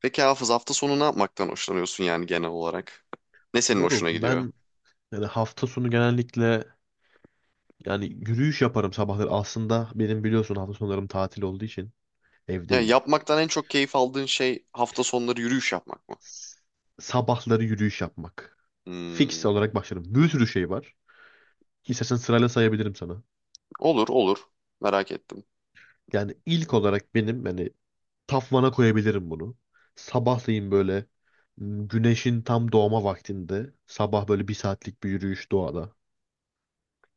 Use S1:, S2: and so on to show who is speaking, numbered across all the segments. S1: Peki Hafız, hafta sonu ne yapmaktan hoşlanıyorsun, yani genel olarak? Ne senin
S2: Moruk
S1: hoşuna gidiyor?
S2: ben, hafta sonu genellikle, yürüyüş yaparım sabahları. Aslında benim biliyorsun hafta sonlarım tatil olduğu için
S1: Yani
S2: evdeyim.
S1: yapmaktan en çok keyif aldığın şey hafta sonları yürüyüş yapmak mı?
S2: S- Sabahları yürüyüş yapmak. Fix
S1: Hmm,
S2: olarak başlarım. Bir sürü şey var. İstersen sırayla sayabilirim sana.
S1: olur olur. Merak ettim.
S2: Yani ilk olarak benim, tafvana koyabilirim bunu. Sabahleyin böyle güneşin tam doğma vaktinde sabah böyle bir saatlik bir yürüyüş doğada.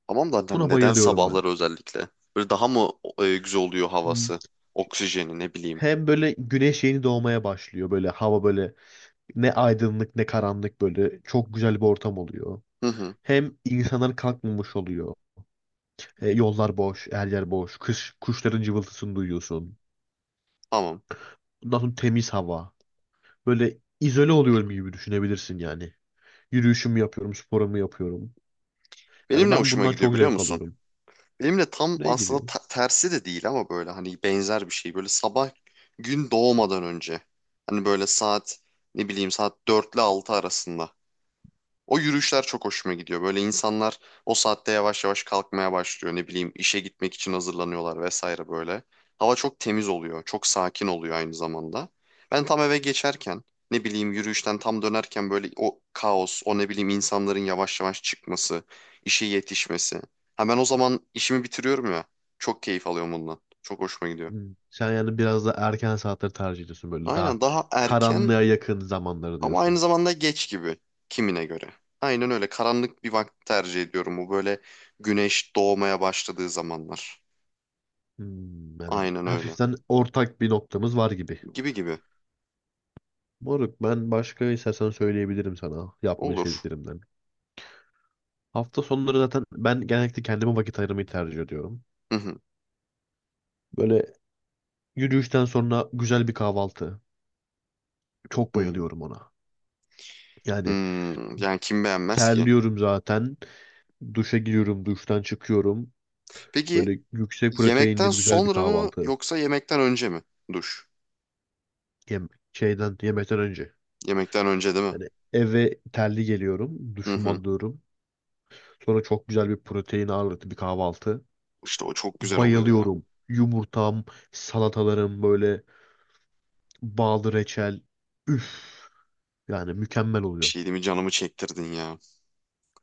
S1: Tamam da hani
S2: Buna
S1: neden
S2: bayılıyorum ben.
S1: sabahları özellikle? Böyle daha mı güzel oluyor
S2: Hmm.
S1: havası? Oksijeni ne bileyim.
S2: Hem böyle güneş yeni doğmaya başlıyor, böyle hava böyle, ne aydınlık ne karanlık, böyle çok güzel bir ortam oluyor.
S1: Hı hı,
S2: Hem insanlar kalkmamış oluyor. Yollar boş, her yer boş. Kış, kuşların cıvıltısını duyuyorsun.
S1: tamam.
S2: Ondan sonra temiz hava. Böyle izole oluyorum gibi düşünebilirsin yani. Yürüyüşümü yapıyorum, sporumu yapıyorum.
S1: Benim
S2: Yani
S1: ne
S2: ben
S1: hoşuma
S2: bundan
S1: gidiyor
S2: çok
S1: biliyor
S2: zevk
S1: musun?
S2: alıyorum.
S1: Benim de tam
S2: Neye
S1: aslında
S2: giriyor?
S1: tersi de değil ama böyle hani benzer bir şey. Böyle sabah gün doğmadan önce. Hani böyle saat ne bileyim saat 4 ile 6 arasında. O yürüyüşler çok hoşuma gidiyor. Böyle insanlar o saatte yavaş yavaş kalkmaya başlıyor. Ne bileyim işe gitmek için hazırlanıyorlar vesaire böyle. Hava çok temiz oluyor. Çok sakin oluyor aynı zamanda. Ben tam eve geçerken ne bileyim yürüyüşten tam dönerken böyle o kaos, o ne bileyim insanların yavaş yavaş çıkması, işe yetişmesi. Ha, ben o zaman işimi bitiriyorum ya. Çok keyif alıyorum bundan. Çok hoşuma gidiyor.
S2: Hmm. Sen yani biraz da erken saatleri tercih ediyorsun, böyle daha
S1: Aynen, daha erken.
S2: karanlığa yakın zamanları
S1: Ama aynı
S2: diyorsun.
S1: zamanda geç gibi, kimine göre. Aynen öyle, karanlık bir vakit tercih ediyorum. Bu böyle güneş doğmaya başladığı zamanlar.
S2: Hmm, yani
S1: Aynen öyle.
S2: hafiften ortak bir noktamız var gibi.
S1: Gibi gibi.
S2: Moruk ben başka istersen söyleyebilirim sana yapmayı
S1: Olur.
S2: sevdiklerimden. Hafta sonları zaten ben genellikle kendime vakit ayırmayı tercih ediyorum.
S1: Hı hı,
S2: Böyle yürüyüşten sonra güzel bir kahvaltı. Çok
S1: hı,
S2: bayılıyorum ona.
S1: hı.
S2: Yani
S1: Yani kim beğenmez ki?
S2: terliyorum zaten. Duşa giriyorum, duştan çıkıyorum.
S1: Peki
S2: Böyle yüksek
S1: yemekten
S2: proteinli bir güzel bir
S1: sonra mı
S2: kahvaltı.
S1: yoksa yemekten önce mi duş?
S2: Yemekten önce.
S1: Yemekten önce değil mi?
S2: Yani eve terli geliyorum,
S1: Hı
S2: duşumu
S1: hı.
S2: alıyorum. Sonra çok güzel bir protein ağırlıklı bir kahvaltı.
S1: İşte o çok güzel oluyor ya. Bir
S2: Bayılıyorum. Yumurtam, salatalarım böyle, bağlı reçel. Üf, yani mükemmel oluyor.
S1: şey değil mi? Canımı çektirdin ya.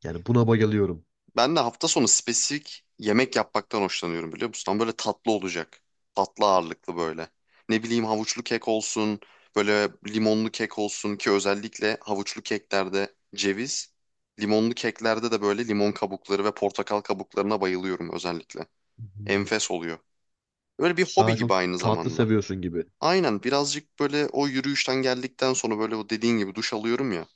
S2: Yani buna bayılıyorum.
S1: Ben de hafta sonu spesifik yemek yapmaktan hoşlanıyorum biliyor musun? Ama böyle tatlı olacak. Tatlı ağırlıklı böyle. Ne bileyim havuçlu kek olsun, böyle limonlu kek olsun ki özellikle havuçlu keklerde ceviz, limonlu keklerde de böyle limon kabukları ve portakal kabuklarına bayılıyorum özellikle.
S2: Hmm.
S1: Enfes oluyor. Böyle bir hobi
S2: Daha
S1: gibi
S2: çok
S1: aynı
S2: tatlı
S1: zamanda.
S2: seviyorsun gibi.
S1: Aynen, birazcık böyle o yürüyüşten geldikten sonra böyle o dediğin gibi duş alıyorum ya.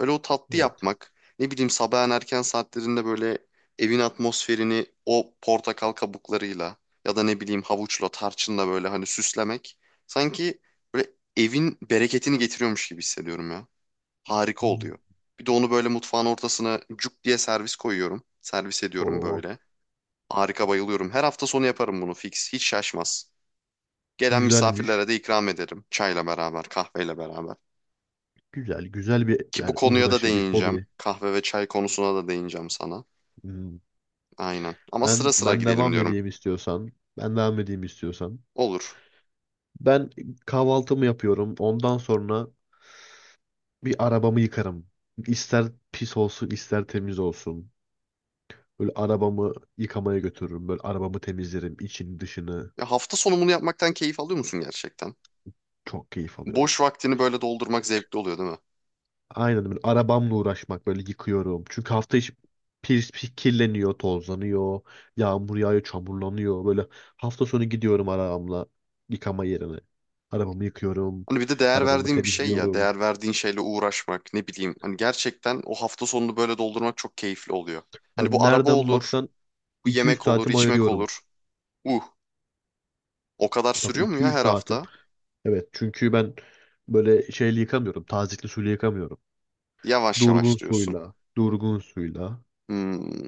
S1: Böyle o tatlı
S2: Evet.
S1: yapmak. Ne bileyim sabahın erken saatlerinde böyle evin atmosferini o portakal kabuklarıyla ya da ne bileyim havuçla, tarçınla böyle hani süslemek. Sanki böyle evin bereketini getiriyormuş gibi hissediyorum ya. Harika
S2: Hmm.
S1: oluyor. Bir de onu böyle mutfağın ortasına cuk diye servis koyuyorum. Servis ediyorum
S2: Oo,
S1: böyle. Harika, bayılıyorum. Her hafta sonu yaparım bunu fix. Hiç şaşmaz. Gelen
S2: güzelmiş.
S1: misafirlere de ikram ederim. Çayla beraber, kahveyle beraber.
S2: Güzel, güzel bir
S1: Ki bu
S2: yani
S1: konuya da
S2: uğraşı, bir
S1: değineceğim.
S2: hobi.
S1: Kahve ve çay konusuna da değineceğim sana.
S2: Hmm.
S1: Aynen. Ama sıra
S2: Ben
S1: sıra
S2: ben
S1: gidelim
S2: devam
S1: diyorum.
S2: edeyim istiyorsan. Ben devam edeyim istiyorsan.
S1: Olur.
S2: Ben kahvaltımı yapıyorum. Ondan sonra bir arabamı yıkarım. İster pis olsun, ister temiz olsun. Böyle arabamı yıkamaya götürürüm. Böyle arabamı temizlerim, içini dışını.
S1: Ya hafta sonu bunu yapmaktan keyif alıyor musun gerçekten?
S2: Çok keyif alıyorum.
S1: Boş vaktini böyle doldurmak zevkli oluyor değil mi?
S2: Aynen, böyle arabamla uğraşmak, böyle yıkıyorum. Çünkü hafta içi pis, pis kirleniyor, tozlanıyor, yağmur yağıyor, çamurlanıyor. Böyle hafta sonu gidiyorum arabamla yıkama yerine. Arabamı yıkıyorum,
S1: Hani bir de değer
S2: arabamı
S1: verdiğin bir şey ya.
S2: temizliyorum.
S1: Değer verdiğin şeyle uğraşmak ne bileyim. Hani gerçekten o hafta sonunu böyle doldurmak çok keyifli oluyor. Hani
S2: Yani
S1: bu araba
S2: nereden
S1: olur,
S2: baksan
S1: bu
S2: 200
S1: yemek olur,
S2: saatimi
S1: içmek
S2: ayırıyorum.
S1: olur. Uh, o kadar
S2: Tabii
S1: sürüyor mu ya
S2: 200
S1: her
S2: saatim.
S1: hafta?
S2: Evet çünkü ben böyle şeyle yıkamıyorum, tazikli suyla yıkamıyorum.
S1: Yavaş
S2: Durgun
S1: yavaş diyorsun.
S2: suyla, durgun suyla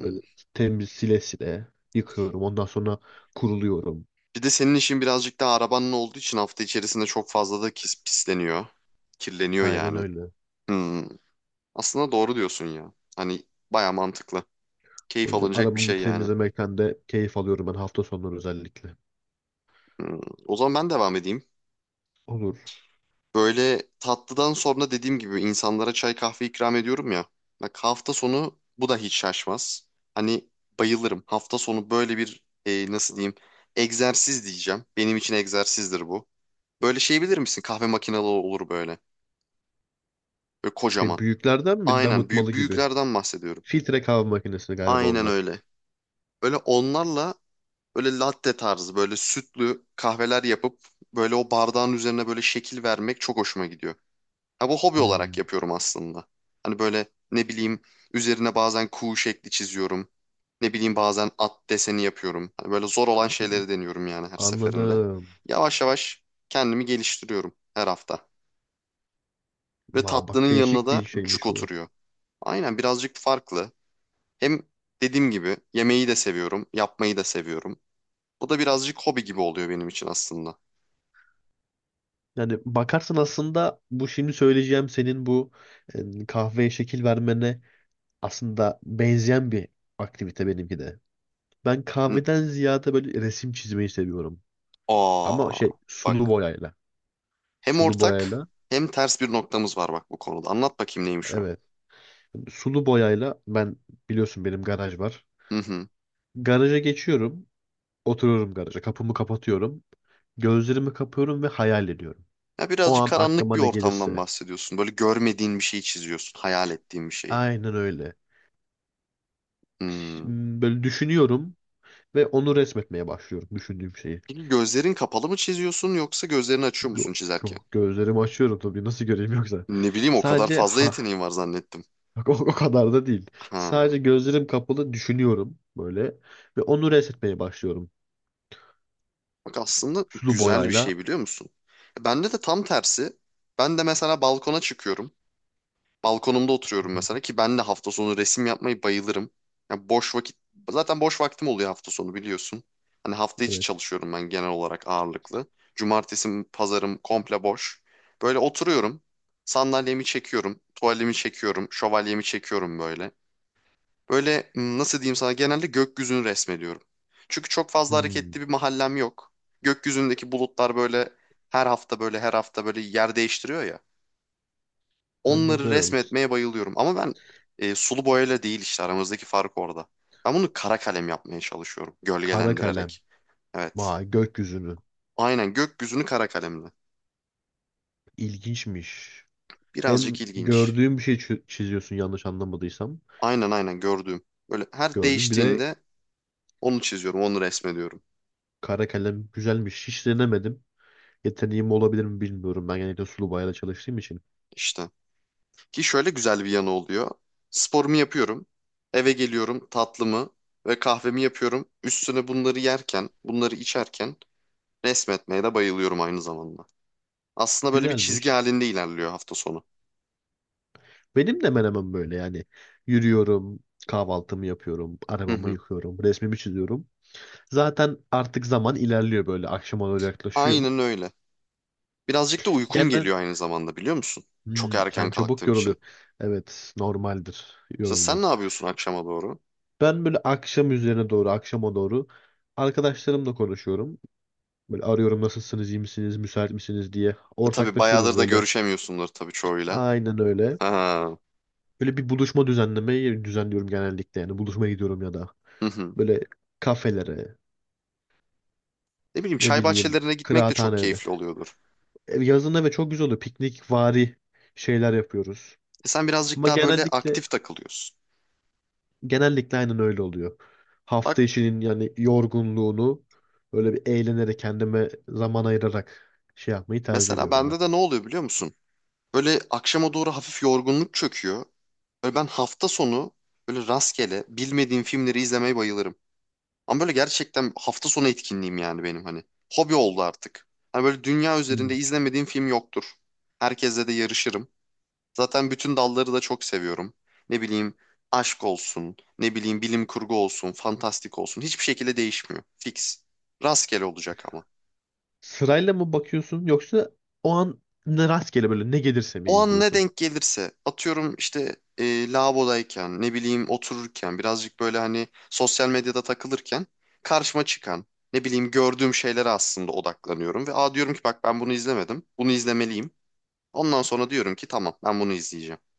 S2: böyle temiz sile sile yıkıyorum. Ondan sonra kuruluyorum.
S1: Bir de senin işin birazcık daha arabanın olduğu için hafta içerisinde çok fazla da pisleniyor. Kirleniyor
S2: Aynen
S1: yani.
S2: öyle.
S1: Hmm. Aslında doğru diyorsun ya. Hani baya mantıklı.
S2: O
S1: Keyif
S2: yüzden
S1: alınacak bir
S2: arabamı
S1: şey yani.
S2: temizlemekten de keyif alıyorum ben, hafta sonları özellikle.
S1: Hmm. O zaman ben devam edeyim.
S2: Olur.
S1: Böyle tatlıdan sonra dediğim gibi insanlara çay kahve ikram ediyorum ya. Bak hafta sonu bu da hiç şaşmaz. Hani bayılırım. Hafta sonu böyle bir nasıl diyeyim, egzersiz diyeceğim. Benim için egzersizdir bu. Böyle şey bilir misin? Kahve makinalı olur böyle. Böyle
S2: Şey,
S1: kocaman.
S2: büyüklerden mi,
S1: Aynen büyük
S2: damıtmalı gibi?
S1: büyüklerden bahsediyorum.
S2: Filtre kahve makinesi galiba
S1: Aynen
S2: onlar.
S1: öyle. Böyle onlarla böyle latte tarzı böyle sütlü kahveler yapıp böyle o bardağın üzerine böyle şekil vermek çok hoşuma gidiyor. Ha, bu hobi olarak
S2: Hmm.
S1: yapıyorum aslında. Hani böyle ne bileyim üzerine bazen kuğu şekli çiziyorum. Ne bileyim bazen at deseni yapıyorum. Hani böyle zor olan şeyleri deniyorum yani her seferinde.
S2: Anladım.
S1: Yavaş yavaş kendimi geliştiriyorum her hafta. Ve
S2: Aa, bak
S1: tatlının yanına
S2: değişik
S1: da
S2: bir
S1: cuk
S2: şeymiş bu.
S1: oturuyor. Aynen, birazcık farklı. Hem dediğim gibi yemeği de seviyorum, yapmayı da seviyorum. Bu da birazcık hobi gibi oluyor benim için aslında.
S2: Yani bakarsan aslında bu şimdi söyleyeceğim, senin bu kahveye şekil vermene aslında benzeyen bir aktivite benimki de. Ben
S1: N-
S2: kahveden ziyade böyle resim çizmeyi seviyorum. Ama
S1: Aa,
S2: şey, sulu
S1: bak.
S2: boyayla.
S1: Hem
S2: Sulu
S1: ortak
S2: boyayla.
S1: hem ters bir noktamız var bak bu konuda. Anlat bakayım neymiş o?
S2: Evet. Sulu boyayla ben, biliyorsun benim garaj var.
S1: Hı hı.
S2: Garaja geçiyorum. Oturuyorum garaja. Kapımı kapatıyorum. Gözlerimi kapıyorum ve hayal ediyorum.
S1: Ya
S2: O
S1: birazcık
S2: an
S1: karanlık
S2: aklıma
S1: bir
S2: ne
S1: ortamdan
S2: gelirse.
S1: bahsediyorsun. Böyle görmediğin bir şeyi çiziyorsun, hayal ettiğin bir şeyi.
S2: Aynen öyle.
S1: Hmm.
S2: Böyle düşünüyorum ve onu resmetmeye başlıyorum, düşündüğüm şeyi.
S1: Peki gözlerin kapalı mı çiziyorsun yoksa gözlerini açıyor
S2: Yo-
S1: musun çizerken?
S2: Gözlerimi açıyorum tabii, nasıl göreyim yoksa.
S1: Ne bileyim o kadar
S2: Sadece,
S1: fazla
S2: ha
S1: yeteneğin var zannettim.
S2: bak, o kadar da değil.
S1: Ha.
S2: Sadece gözlerim kapalı düşünüyorum böyle, ve onu resmetmeye başlıyorum.
S1: Bak aslında
S2: Sulu
S1: güzel bir
S2: boyayla.
S1: şey biliyor musun? Bende de tam tersi. Ben de mesela balkona çıkıyorum. Balkonumda oturuyorum mesela ki ben de hafta sonu resim yapmayı bayılırım. Ya boş vakit, zaten boş vaktim oluyor hafta sonu biliyorsun. Hani hafta içi
S2: Evet.
S1: çalışıyorum ben genel olarak ağırlıklı. Cumartesi, pazarım komple boş. Böyle oturuyorum. Sandalyemi çekiyorum, tuvalimi çekiyorum, şövalyemi çekiyorum böyle. Böyle nasıl diyeyim sana, genelde gökyüzünü resmediyorum. Çünkü çok fazla
S2: Hmm,
S1: hareketli bir mahallem yok. Gökyüzündeki bulutlar böyle her hafta böyle yer değiştiriyor ya. Onları
S2: anladım.
S1: resmetmeye bayılıyorum. Ama ben sulu boyayla değil işte, aramızdaki fark orada. Ben bunu kara kalem yapmaya çalışıyorum
S2: Kara kalem.
S1: gölgelendirerek. Evet.
S2: Vay, gökyüzünü.
S1: Aynen gökyüzünü kara kalemle.
S2: İlginçmiş.
S1: Birazcık
S2: Hem
S1: ilginç.
S2: gördüğüm bir şey çiziyorsun, yanlış anlamadıysam.
S1: Aynen gördüğüm. Böyle her
S2: Gördüğüm bir de
S1: değiştiğinde onu çiziyorum, onu resmediyorum.
S2: kara kalem, güzelmiş. Hiç denemedim. Yeteneğim olabilir mi bilmiyorum. Ben genellikle sulu boyayla çalıştığım için.
S1: İşte. Ki şöyle güzel bir yanı oluyor. Sporumu yapıyorum. Eve geliyorum, tatlımı ve kahvemi yapıyorum. Üstüne bunları yerken, bunları içerken resmetmeye de bayılıyorum aynı zamanda. Aslında böyle bir çizgi
S2: Güzelmiş.
S1: halinde ilerliyor hafta sonu.
S2: Benim de hemen hemen böyle yani. Yürüyorum, kahvaltımı yapıyorum,
S1: Hı
S2: arabamı
S1: hı.
S2: yıkıyorum, resmimi çiziyorum. Zaten artık zaman ilerliyor böyle. Akşama doğru yaklaşıyor.
S1: Aynen öyle. Birazcık da uykum
S2: Genel
S1: geliyor aynı zamanda biliyor musun? Çok
S2: Hmm,
S1: erken
S2: sen çabuk
S1: kalktığım
S2: yoruluyor.
S1: için.
S2: Evet, normaldir
S1: Mesela sen
S2: yorulman.
S1: ne yapıyorsun akşama doğru?
S2: Ben böyle akşama doğru arkadaşlarımla konuşuyorum. Böyle arıyorum, nasılsınız, iyi misiniz, müsait misiniz diye.
S1: E tabii
S2: Ortaklaşıyoruz
S1: bayağıdır da
S2: böyle.
S1: görüşemiyorsundur tabii çoğuyla.
S2: Aynen öyle.
S1: Ha.
S2: Böyle bir buluşma düzenlemeyi düzenliyorum genellikle yani. Buluşmaya gidiyorum ya da
S1: Hı hı.
S2: böyle kafelere,
S1: Ne bileyim
S2: ne
S1: çay
S2: bileyim,
S1: bahçelerine gitmek de çok
S2: kıraathanede.
S1: keyifli oluyordur.
S2: Yazın evet çok güzel oluyor. Piknik vari şeyler yapıyoruz.
S1: E sen birazcık
S2: Ama
S1: daha böyle
S2: genellikle
S1: aktif takılıyorsun.
S2: Genellikle aynen öyle oluyor. Hafta
S1: Bak
S2: işinin yani yorgunluğunu böyle bir eğlenerek, kendime zaman ayırarak şey yapmayı tercih
S1: mesela
S2: ediyorum ben.
S1: bende de ne oluyor biliyor musun? Böyle akşama doğru hafif yorgunluk çöküyor. Böyle ben hafta sonu böyle rastgele bilmediğim filmleri izlemeye bayılırım. Ama böyle gerçekten hafta sonu etkinliğim yani benim, hani. Hobi oldu artık. Hani böyle dünya
S2: Hmm.
S1: üzerinde izlemediğim film yoktur. Herkesle de yarışırım. Zaten bütün dalları da çok seviyorum. Ne bileyim aşk olsun, ne bileyim bilim kurgu olsun, fantastik olsun. Hiçbir şekilde değişmiyor. Fix. Rastgele olacak ama.
S2: Sırayla mı bakıyorsun, yoksa o an ne rastgele, böyle ne gelirse mi
S1: O an ne
S2: izliyorsun?
S1: denk gelirse, atıyorum işte lavabodayken ne bileyim otururken birazcık böyle hani sosyal medyada takılırken karşıma çıkan ne bileyim gördüğüm şeylere aslında odaklanıyorum ve aa diyorum ki bak ben bunu izlemedim, bunu izlemeliyim. Ondan sonra diyorum ki tamam, ben bunu izleyeceğim.